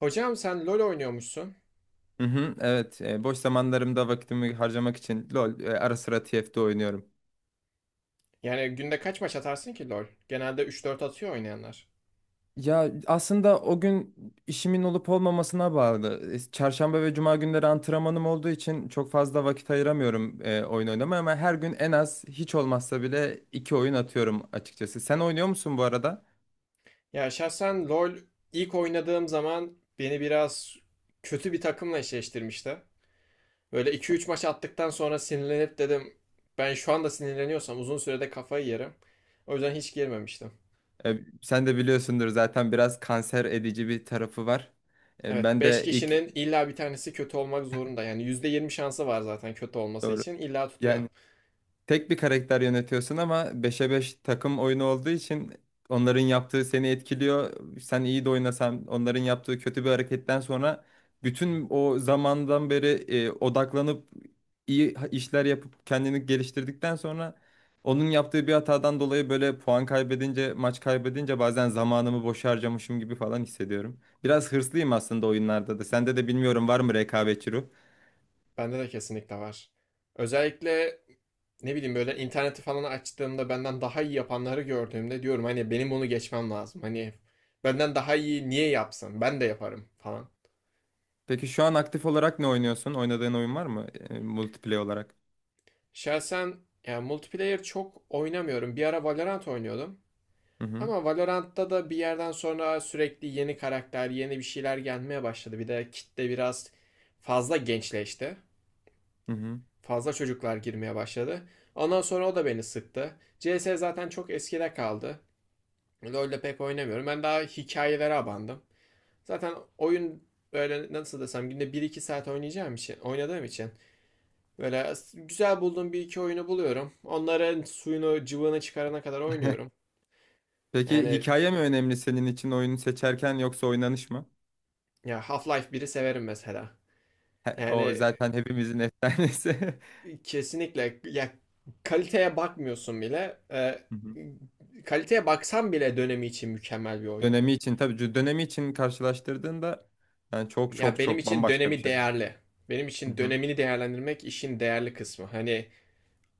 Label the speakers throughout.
Speaker 1: Hocam sen LoL oynuyormuşsun.
Speaker 2: Hı hı, evet. Boş zamanlarımda vakitimi harcamak için LoL ara sıra TFT oynuyorum.
Speaker 1: Yani günde kaç maç atarsın ki LoL? Genelde üç dört atıyor oynayanlar.
Speaker 2: Ya aslında o gün işimin olup olmamasına bağlı. Çarşamba ve cuma günleri antrenmanım olduğu için çok fazla vakit ayıramıyorum oyun oynamaya ama her gün en az hiç olmazsa bile iki oyun atıyorum açıkçası. Sen oynuyor musun bu arada?
Speaker 1: Ya şahsen LoL ilk oynadığım zaman beni biraz kötü bir takımla eşleştirmişti. Böyle iki üç maç attıktan sonra sinirlenip dedim ben şu anda sinirleniyorsam uzun sürede kafayı yerim. O yüzden hiç girmemiştim.
Speaker 2: Sen de biliyorsundur zaten biraz kanser edici bir tarafı var. E,
Speaker 1: Evet,
Speaker 2: ben
Speaker 1: beş
Speaker 2: de ilk
Speaker 1: kişinin illa bir tanesi kötü olmak zorunda. Yani %20 şansı var, zaten kötü olması
Speaker 2: Doğru.
Speaker 1: için illa tutuyor.
Speaker 2: Yani tek bir karakter yönetiyorsun ama beşe 5 takım oyunu olduğu için onların yaptığı seni etkiliyor. Sen iyi de oynasan onların yaptığı kötü bir hareketten sonra bütün o zamandan beri odaklanıp iyi işler yapıp kendini geliştirdikten sonra onun yaptığı bir hatadan dolayı böyle puan kaybedince, maç kaybedince bazen zamanımı boşa harcamışım gibi falan hissediyorum. Biraz hırslıyım aslında oyunlarda da. Sende de bilmiyorum var mı rekabetçi.
Speaker 1: Bende de kesinlikle var. Özellikle ne bileyim böyle interneti falan açtığımda benden daha iyi yapanları gördüğümde diyorum hani benim bunu geçmem lazım. Hani benden daha iyi niye yapsın? Ben de yaparım falan.
Speaker 2: Peki şu an aktif olarak ne oynuyorsun? Oynadığın oyun var mı? Multiplayer olarak.
Speaker 1: Şahsen yani multiplayer çok oynamıyorum. Bir ara Valorant oynuyordum.
Speaker 2: Hı hı.
Speaker 1: Ama Valorant'ta da bir yerden sonra sürekli yeni karakter, yeni bir şeyler gelmeye başladı. Bir de kitle biraz fazla gençleşti.
Speaker 2: Hı hı.
Speaker 1: Fazla çocuklar girmeye başladı. Ondan sonra o da beni sıktı. CS zaten çok eskide kaldı. LoL'de pek oynamıyorum. Ben daha hikayelere abandım. Zaten oyun böyle nasıl desem günde bir iki saat oynayacağım için, oynadığım için böyle güzel bulduğum bir iki oyunu buluyorum. Onların suyunu, cıvığını çıkarana kadar oynuyorum.
Speaker 2: Peki
Speaker 1: Yani
Speaker 2: hikaye mi önemli senin için oyunu seçerken yoksa oynanış mı?
Speaker 1: ya Half-Life biri severim mesela.
Speaker 2: O
Speaker 1: Yani
Speaker 2: zaten hepimizin efsanesi.
Speaker 1: kesinlikle ya kaliteye bakmıyorsun bile.
Speaker 2: Hı hı.
Speaker 1: Kaliteye baksan bile dönemi için mükemmel bir oyun.
Speaker 2: Dönemi için tabii, dönemi için karşılaştırdığında yani çok
Speaker 1: Ya
Speaker 2: çok
Speaker 1: benim
Speaker 2: çok
Speaker 1: için
Speaker 2: bambaşka bir
Speaker 1: dönemi
Speaker 2: şey.
Speaker 1: değerli. Benim
Speaker 2: Hı
Speaker 1: için
Speaker 2: hı.
Speaker 1: dönemini değerlendirmek işin değerli kısmı. Hani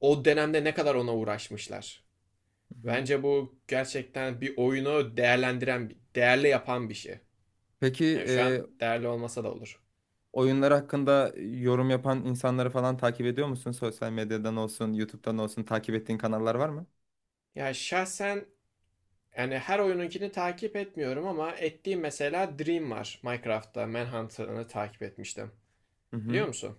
Speaker 1: o dönemde ne kadar ona uğraşmışlar.
Speaker 2: Hı hı.
Speaker 1: Bence bu gerçekten bir oyunu değerlendiren, değerli yapan bir şey.
Speaker 2: Peki,
Speaker 1: Yani şu an değerli olmasa da olur.
Speaker 2: oyunlar hakkında yorum yapan insanları falan takip ediyor musun? Sosyal medyadan olsun, YouTube'dan olsun takip ettiğin kanallar var mı?
Speaker 1: Ya şahsen yani her oyununkini takip etmiyorum ama ettiğim mesela Dream var. Minecraft'ta Manhunt'ını takip etmiştim.
Speaker 2: Hı
Speaker 1: Biliyor
Speaker 2: hı.
Speaker 1: musun?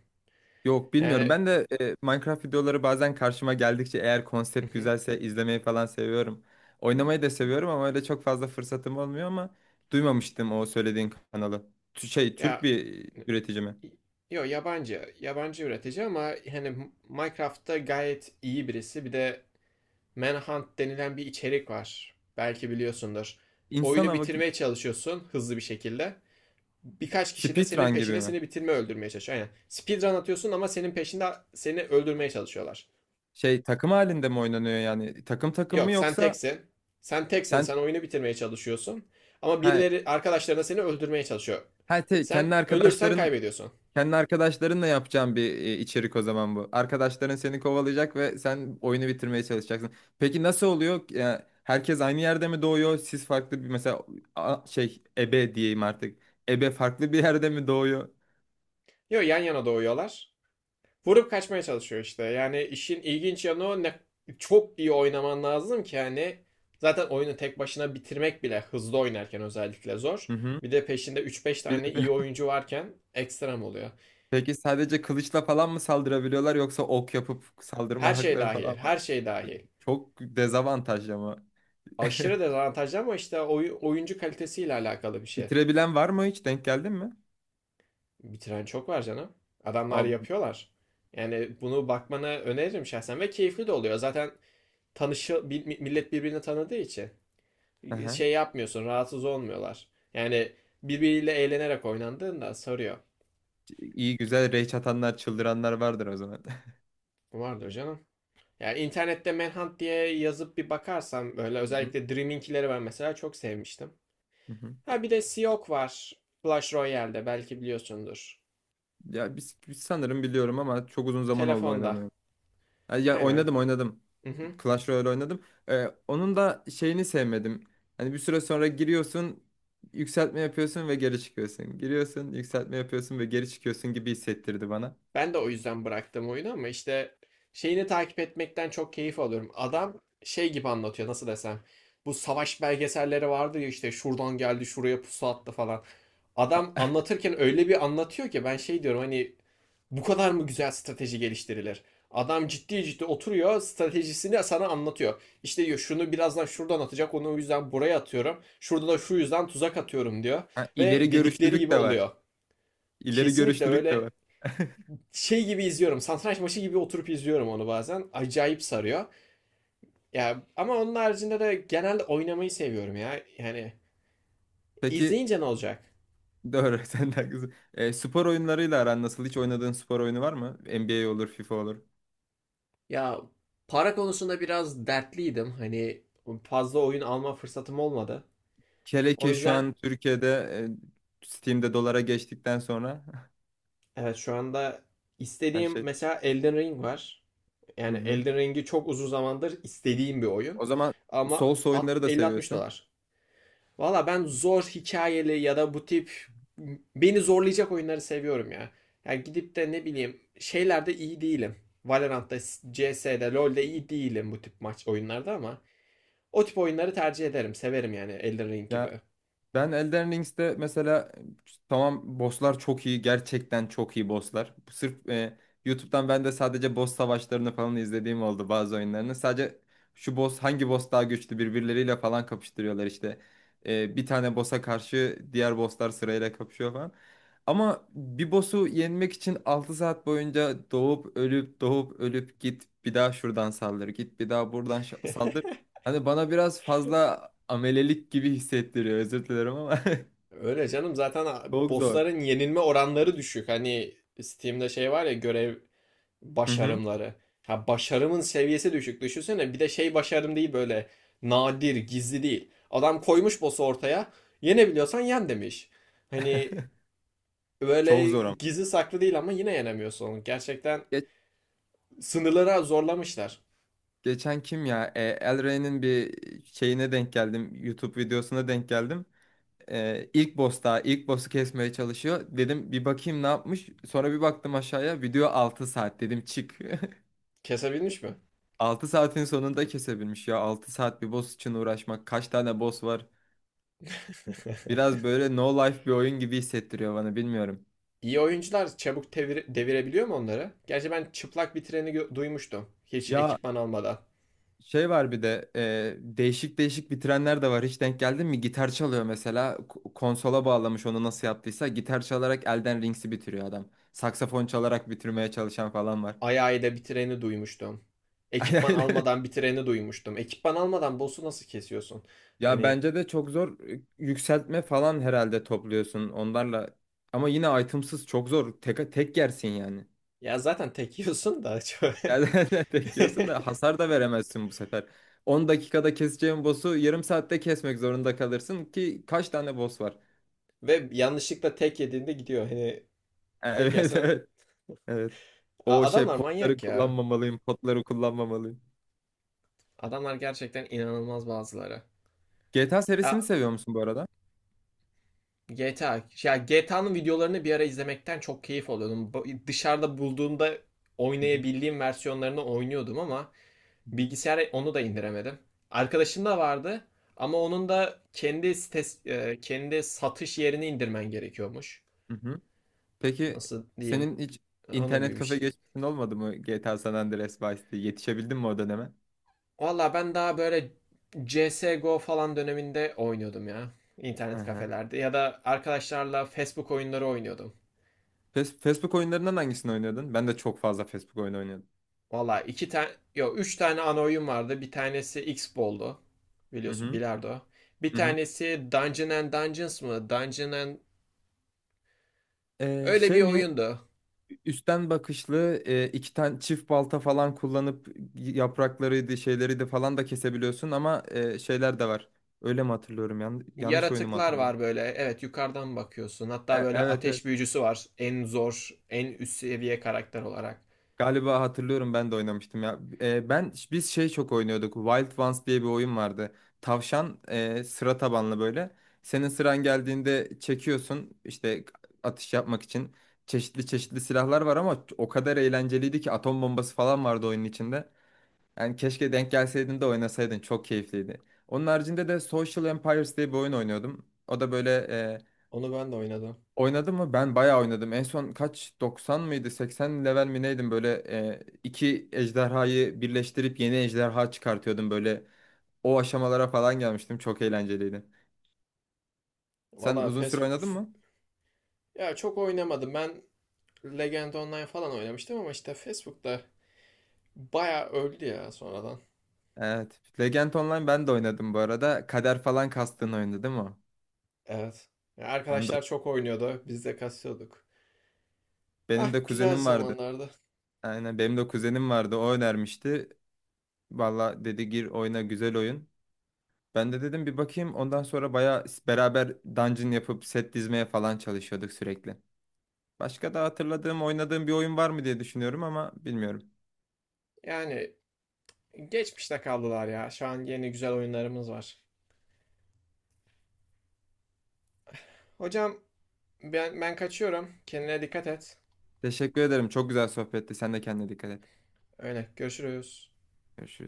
Speaker 2: Yok, bilmiyorum.
Speaker 1: Yani
Speaker 2: Ben de Minecraft videoları bazen karşıma geldikçe eğer konsept güzelse izlemeyi falan seviyorum. Oynamayı da seviyorum ama öyle çok fazla fırsatım olmuyor ama duymamıştım o söylediğin kanalı. Şey, Türk
Speaker 1: ya
Speaker 2: bir üretici mi?
Speaker 1: yo, yabancı üretici ama hani Minecraft'ta gayet iyi birisi. Bir de Manhunt denilen bir içerik var. Belki biliyorsundur.
Speaker 2: İnsan
Speaker 1: Oyunu
Speaker 2: hava gibi.
Speaker 1: bitirmeye çalışıyorsun hızlı bir şekilde. Birkaç kişi de senin
Speaker 2: Speedrun gibi
Speaker 1: peşinde
Speaker 2: mi?
Speaker 1: seni bitirme öldürmeye çalışıyor. Aynen. Speedrun atıyorsun ama senin peşinde seni öldürmeye çalışıyorlar.
Speaker 2: Şey, takım halinde mi oynanıyor yani? Takım takım mı
Speaker 1: Yok, sen
Speaker 2: yoksa
Speaker 1: teksin. Sen teksin. Sen
Speaker 2: sen
Speaker 1: oyunu bitirmeye çalışıyorsun. Ama
Speaker 2: ha,
Speaker 1: birileri arkadaşlarına seni öldürmeye çalışıyor.
Speaker 2: ha te-
Speaker 1: Sen
Speaker 2: kendi
Speaker 1: ölürsen
Speaker 2: arkadaşların?
Speaker 1: kaybediyorsun.
Speaker 2: Kendi arkadaşlarınla yapacağım bir içerik o zaman bu. Arkadaşların seni kovalayacak ve sen oyunu bitirmeye çalışacaksın. Peki nasıl oluyor? Yani herkes aynı yerde mi doğuyor? Siz farklı bir, mesela şey, ebe diyeyim artık. Ebe farklı bir yerde mi doğuyor?
Speaker 1: Yok, yan yana doğuyorlar. Vurup kaçmaya çalışıyor işte. Yani işin ilginç yanı o ne, çok iyi oynaman lazım ki hani zaten oyunu tek başına bitirmek bile hızlı oynarken özellikle zor.
Speaker 2: Hı hı.
Speaker 1: Bir de peşinde üç beş
Speaker 2: Bir
Speaker 1: tane iyi
Speaker 2: de
Speaker 1: oyuncu varken ekstrem oluyor.
Speaker 2: Peki sadece kılıçla falan mı saldırabiliyorlar yoksa ok yapıp
Speaker 1: Her
Speaker 2: saldırma
Speaker 1: şey
Speaker 2: hakları
Speaker 1: dahil,
Speaker 2: falan var mı?
Speaker 1: her şey dahil.
Speaker 2: Çok dezavantaj ama.
Speaker 1: Aşırı dezavantajlı ama işte oyuncu kalitesiyle alakalı bir şey.
Speaker 2: Bitirebilen var mı hiç? Denk geldin mi?
Speaker 1: Bitiren çok var canım. Adamlar
Speaker 2: Abi.
Speaker 1: yapıyorlar. Yani bunu bakmanı öneririm şahsen ve keyifli de oluyor. Zaten tanışı millet birbirini tanıdığı için.
Speaker 2: Aha.
Speaker 1: Şey yapmıyorsun, rahatsız olmuyorlar. Yani birbiriyle eğlenerek oynandığında sarıyor.
Speaker 2: İyi, güzel. Rage atanlar, çıldıranlar vardır o zaman.
Speaker 1: Vardır canım. Yani internette Manhunt diye yazıp bir bakarsam böyle
Speaker 2: Hı hı.
Speaker 1: özellikle Dreaming'leri ben mesela çok sevmiştim.
Speaker 2: Hı hı.
Speaker 1: Ha, bir de Siok var. Clash Royale'de belki biliyorsundur.
Speaker 2: Ya biz sanırım biliyorum ama çok uzun zaman oldu
Speaker 1: Telefonda.
Speaker 2: oynamaya. Ha, ya,
Speaker 1: Aynen.
Speaker 2: oynadım oynadım.
Speaker 1: Mhm.
Speaker 2: Clash Royale oynadım. Onun da şeyini sevmedim. Hani bir süre sonra giriyorsun, yükseltme yapıyorsun ve geri çıkıyorsun. Giriyorsun, yükseltme yapıyorsun ve geri çıkıyorsun gibi hissettirdi bana.
Speaker 1: Ben de o yüzden bıraktım oyunu ama işte şeyini takip etmekten çok keyif alıyorum. Adam şey gibi anlatıyor, nasıl desem. Bu savaş belgeselleri vardı ya, işte şuradan geldi, şuraya pusu attı falan. Adam
Speaker 2: Ha,
Speaker 1: anlatırken öyle bir anlatıyor ki ben şey diyorum hani bu kadar mı güzel strateji geliştirilir? Adam ciddi ciddi oturuyor, stratejisini sana anlatıyor. İşte diyor şunu birazdan şuradan atacak, onu o yüzden buraya atıyorum. Şurada da şu yüzden tuzak atıyorum diyor.
Speaker 2: ha, ileri
Speaker 1: Ve dedikleri
Speaker 2: görüşlülük
Speaker 1: gibi
Speaker 2: de var.
Speaker 1: oluyor.
Speaker 2: İleri
Speaker 1: Kesinlikle
Speaker 2: görüşlülük de
Speaker 1: öyle,
Speaker 2: var.
Speaker 1: şey gibi izliyorum. Satranç maçı gibi oturup izliyorum onu bazen. Acayip sarıyor. Ya ama onun haricinde de genelde oynamayı seviyorum ya. Yani
Speaker 2: Peki
Speaker 1: izleyince ne olacak?
Speaker 2: doğru. Sen de haklısın. Spor oyunlarıyla aran nasıl? Hiç oynadığın spor oyunu var mı? NBA olur, FIFA olur.
Speaker 1: Ya para konusunda biraz dertliydim. Hani fazla oyun alma fırsatım olmadı.
Speaker 2: Hele
Speaker 1: O
Speaker 2: ki şu
Speaker 1: yüzden
Speaker 2: an Türkiye'de Steam'de dolara geçtikten sonra
Speaker 1: evet, şu anda
Speaker 2: her
Speaker 1: istediğim
Speaker 2: şey.
Speaker 1: mesela Elden Ring var.
Speaker 2: Hı
Speaker 1: Yani
Speaker 2: hı.
Speaker 1: Elden Ring'i çok uzun zamandır istediğim bir oyun.
Speaker 2: O zaman
Speaker 1: Ama
Speaker 2: Souls oyunları da
Speaker 1: 50-60
Speaker 2: seviyorsun.
Speaker 1: dolar. Valla ben zor hikayeli ya da bu tip beni zorlayacak oyunları seviyorum ya. Yani gidip de ne bileyim şeylerde iyi değilim. Valorant'ta, CS'de, LoL'de iyi değilim bu tip maç oyunlarda ama o tip oyunları tercih ederim. Severim yani Elden Ring gibi.
Speaker 2: Ya, ben Elden Rings'te mesela, tamam, bosslar çok iyi. Gerçekten çok iyi bosslar. Sırf YouTube'dan ben de sadece boss savaşlarını falan izlediğim oldu bazı oyunlarını. Sadece şu boss hangi boss daha güçlü birbirleriyle falan kapıştırıyorlar işte. Bir tane boss'a karşı diğer bosslar sırayla kapışıyor falan. Ama bir boss'u yenmek için 6 saat boyunca doğup ölüp doğup ölüp git bir daha şuradan saldır, git bir daha buradan saldır. Hani bana biraz fazla amelelik gibi hissettiriyor. Özür dilerim ama
Speaker 1: Öyle canım, zaten
Speaker 2: çok zor.
Speaker 1: bossların yenilme oranları düşük. Hani Steam'de şey var ya, görev
Speaker 2: Hı hı.
Speaker 1: başarımları. Ha, başarımın seviyesi düşük. Düşünsene bir de şey, başarım değil böyle nadir, gizli değil. Adam koymuş boss'u ortaya. Yenebiliyorsan yen demiş. Hani
Speaker 2: Çok
Speaker 1: böyle
Speaker 2: zor ama.
Speaker 1: gizli saklı değil ama yine yenemiyorsun onu. Gerçekten
Speaker 2: Ge-
Speaker 1: sınırlara zorlamışlar.
Speaker 2: Geçen kim ya? El Rey'nin bir şeyine denk geldim. YouTube videosuna denk geldim. İlk boss'ta ilk boss'u kesmeye çalışıyor. Dedim bir bakayım ne yapmış. Sonra bir baktım aşağıya. Video 6 saat. Dedim çık.
Speaker 1: Kesebilmiş mi?
Speaker 2: 6 saatin sonunda kesebilmiş ya. 6 saat bir boss için uğraşmak. Kaç tane boss var? Biraz böyle no life bir oyun gibi hissettiriyor bana, bilmiyorum.
Speaker 1: İyi oyuncular çabuk devirebiliyor mu onları? Gerçi ben çıplak bir treni duymuştum. Hiç
Speaker 2: Ya.
Speaker 1: ekipman almadan.
Speaker 2: Şey var bir de, değişik değişik bitirenler de var. Hiç denk geldin mi? Gitar çalıyor mesela. Konsola bağlamış onu nasıl yaptıysa. Gitar çalarak Elden Rings'i bitiriyor adam. Saksafon çalarak bitirmeye çalışan falan var.
Speaker 1: Ayağıyla bir treni duymuştum. Ekipman
Speaker 2: Ayağıyla-
Speaker 1: almadan bir treni duymuştum. Ekipman almadan boss'u nasıl kesiyorsun?
Speaker 2: Ya
Speaker 1: Hani
Speaker 2: bence de çok zor, yükseltme falan herhalde topluyorsun onlarla. Ama yine itemsız çok zor. Tek, tek yersin yani.
Speaker 1: ya zaten tek yiyorsun da.
Speaker 2: Yani tek yiyorsun da hasar da veremezsin bu sefer. 10 dakikada keseceğin boss'u yarım saatte kesmek zorunda kalırsın ki kaç tane boss var?
Speaker 1: Ve yanlışlıkla tek yediğinde gidiyor. Hani tek
Speaker 2: Evet,
Speaker 1: yersen...
Speaker 2: evet. Evet. O şey,
Speaker 1: Adamlar
Speaker 2: potları
Speaker 1: manyak ya.
Speaker 2: kullanmamalıyım, potları kullanmamalıyım.
Speaker 1: Adamlar gerçekten inanılmaz bazıları.
Speaker 2: GTA serisini
Speaker 1: Ya
Speaker 2: seviyor musun bu arada?
Speaker 1: GTA. Ya GTA'nın videolarını bir ara izlemekten çok keyif alıyordum. Dışarıda bulduğumda
Speaker 2: Hı hı.
Speaker 1: oynayabildiğim versiyonlarını oynuyordum ama
Speaker 2: Hı hı.
Speaker 1: bilgisayara onu da indiremedim. Arkadaşım da vardı ama onun da kendi satış yerini indirmen gerekiyormuş.
Speaker 2: Hı hı. Peki
Speaker 1: Nasıl diyeyim?
Speaker 2: senin hiç
Speaker 1: Onun gibi
Speaker 2: internet
Speaker 1: bir
Speaker 2: kafe
Speaker 1: şey.
Speaker 2: geçmişin olmadı mı, GTA San Andreas, Vice City? Yetişebildin mi o döneme?
Speaker 1: Valla ben daha böyle CSGO falan döneminde oynuyordum ya.
Speaker 2: Hı
Speaker 1: İnternet
Speaker 2: hı.
Speaker 1: kafelerde ya da arkadaşlarla Facebook oyunları oynuyordum.
Speaker 2: Facebook oyunlarından hangisini oynuyordun? Ben de çok fazla Facebook oyunu oynuyordum.
Speaker 1: Valla iki tane, yok üç tane ana oyun vardı. Bir tanesi X-Ball'du.
Speaker 2: Hı
Speaker 1: Biliyorsun,
Speaker 2: hı.
Speaker 1: bilardo. Bir
Speaker 2: Hı hı.
Speaker 1: tanesi Dungeon and Dungeons mı? Dungeon and... Öyle bir
Speaker 2: Şey mi?
Speaker 1: oyundu.
Speaker 2: Üstten bakışlı, iki tane çift balta falan kullanıp yapraklarıydı, şeyleri de falan da kesebiliyorsun ama şeyler de var. Öyle mi hatırlıyorum? Yanlış oyunu mu
Speaker 1: Yaratıklar
Speaker 2: hatırlıyorum?
Speaker 1: var böyle. Evet, yukarıdan bakıyorsun. Hatta böyle
Speaker 2: Evet, evet.
Speaker 1: ateş büyücüsü var. En zor, en üst seviye karakter olarak.
Speaker 2: Galiba hatırlıyorum, ben de oynamıştım ya. E, ben Biz şey çok oynuyorduk. Wild Ones diye bir oyun vardı. Tavşan, sıra tabanlı böyle. Senin sıran geldiğinde çekiyorsun işte atış yapmak için. Çeşitli çeşitli silahlar var ama o kadar eğlenceliydi ki atom bombası falan vardı oyunun içinde. Yani keşke denk gelseydin de oynasaydın. Çok keyifliydi. Onun haricinde de Social Empires diye bir oyun oynuyordum. O da böyle,
Speaker 1: Onu ben de oynadım.
Speaker 2: oynadım mı? Ben bayağı oynadım. En son kaç, 90 mıydı? 80 level mi neydim? Böyle, iki ejderhayı birleştirip yeni ejderha çıkartıyordum böyle. O aşamalara falan gelmiştim. Çok eğlenceliydi. Sen
Speaker 1: Valla
Speaker 2: uzun süre
Speaker 1: Fes...
Speaker 2: oynadın mı?
Speaker 1: Ya çok oynamadım. Ben Legend Online falan oynamıştım ama işte Facebook'ta bayağı öldü ya sonradan.
Speaker 2: Evet. Legend Online ben de oynadım bu arada. Kader falan kastığın oyundu değil mi o?
Speaker 1: Evet. Ya
Speaker 2: Onda
Speaker 1: arkadaşlar çok oynuyordu. Biz de kasıyorduk. Ah,
Speaker 2: benim de
Speaker 1: güzel
Speaker 2: kuzenim vardı.
Speaker 1: zamanlardı.
Speaker 2: Aynen, benim de kuzenim vardı. O önermişti. Valla dedi gir oyna, güzel oyun. Ben de dedim bir bakayım. Ondan sonra baya beraber dungeon yapıp set dizmeye falan çalışıyorduk sürekli. Başka da hatırladığım, oynadığım bir oyun var mı diye düşünüyorum ama bilmiyorum.
Speaker 1: Yani geçmişte kaldılar ya. Şu an yeni güzel oyunlarımız var. Hocam ben kaçıyorum. Kendine dikkat et.
Speaker 2: Teşekkür ederim. Çok güzel sohbetti. Sen de kendine dikkat et.
Speaker 1: Öyle görüşürüz.
Speaker 2: Görüşürüz.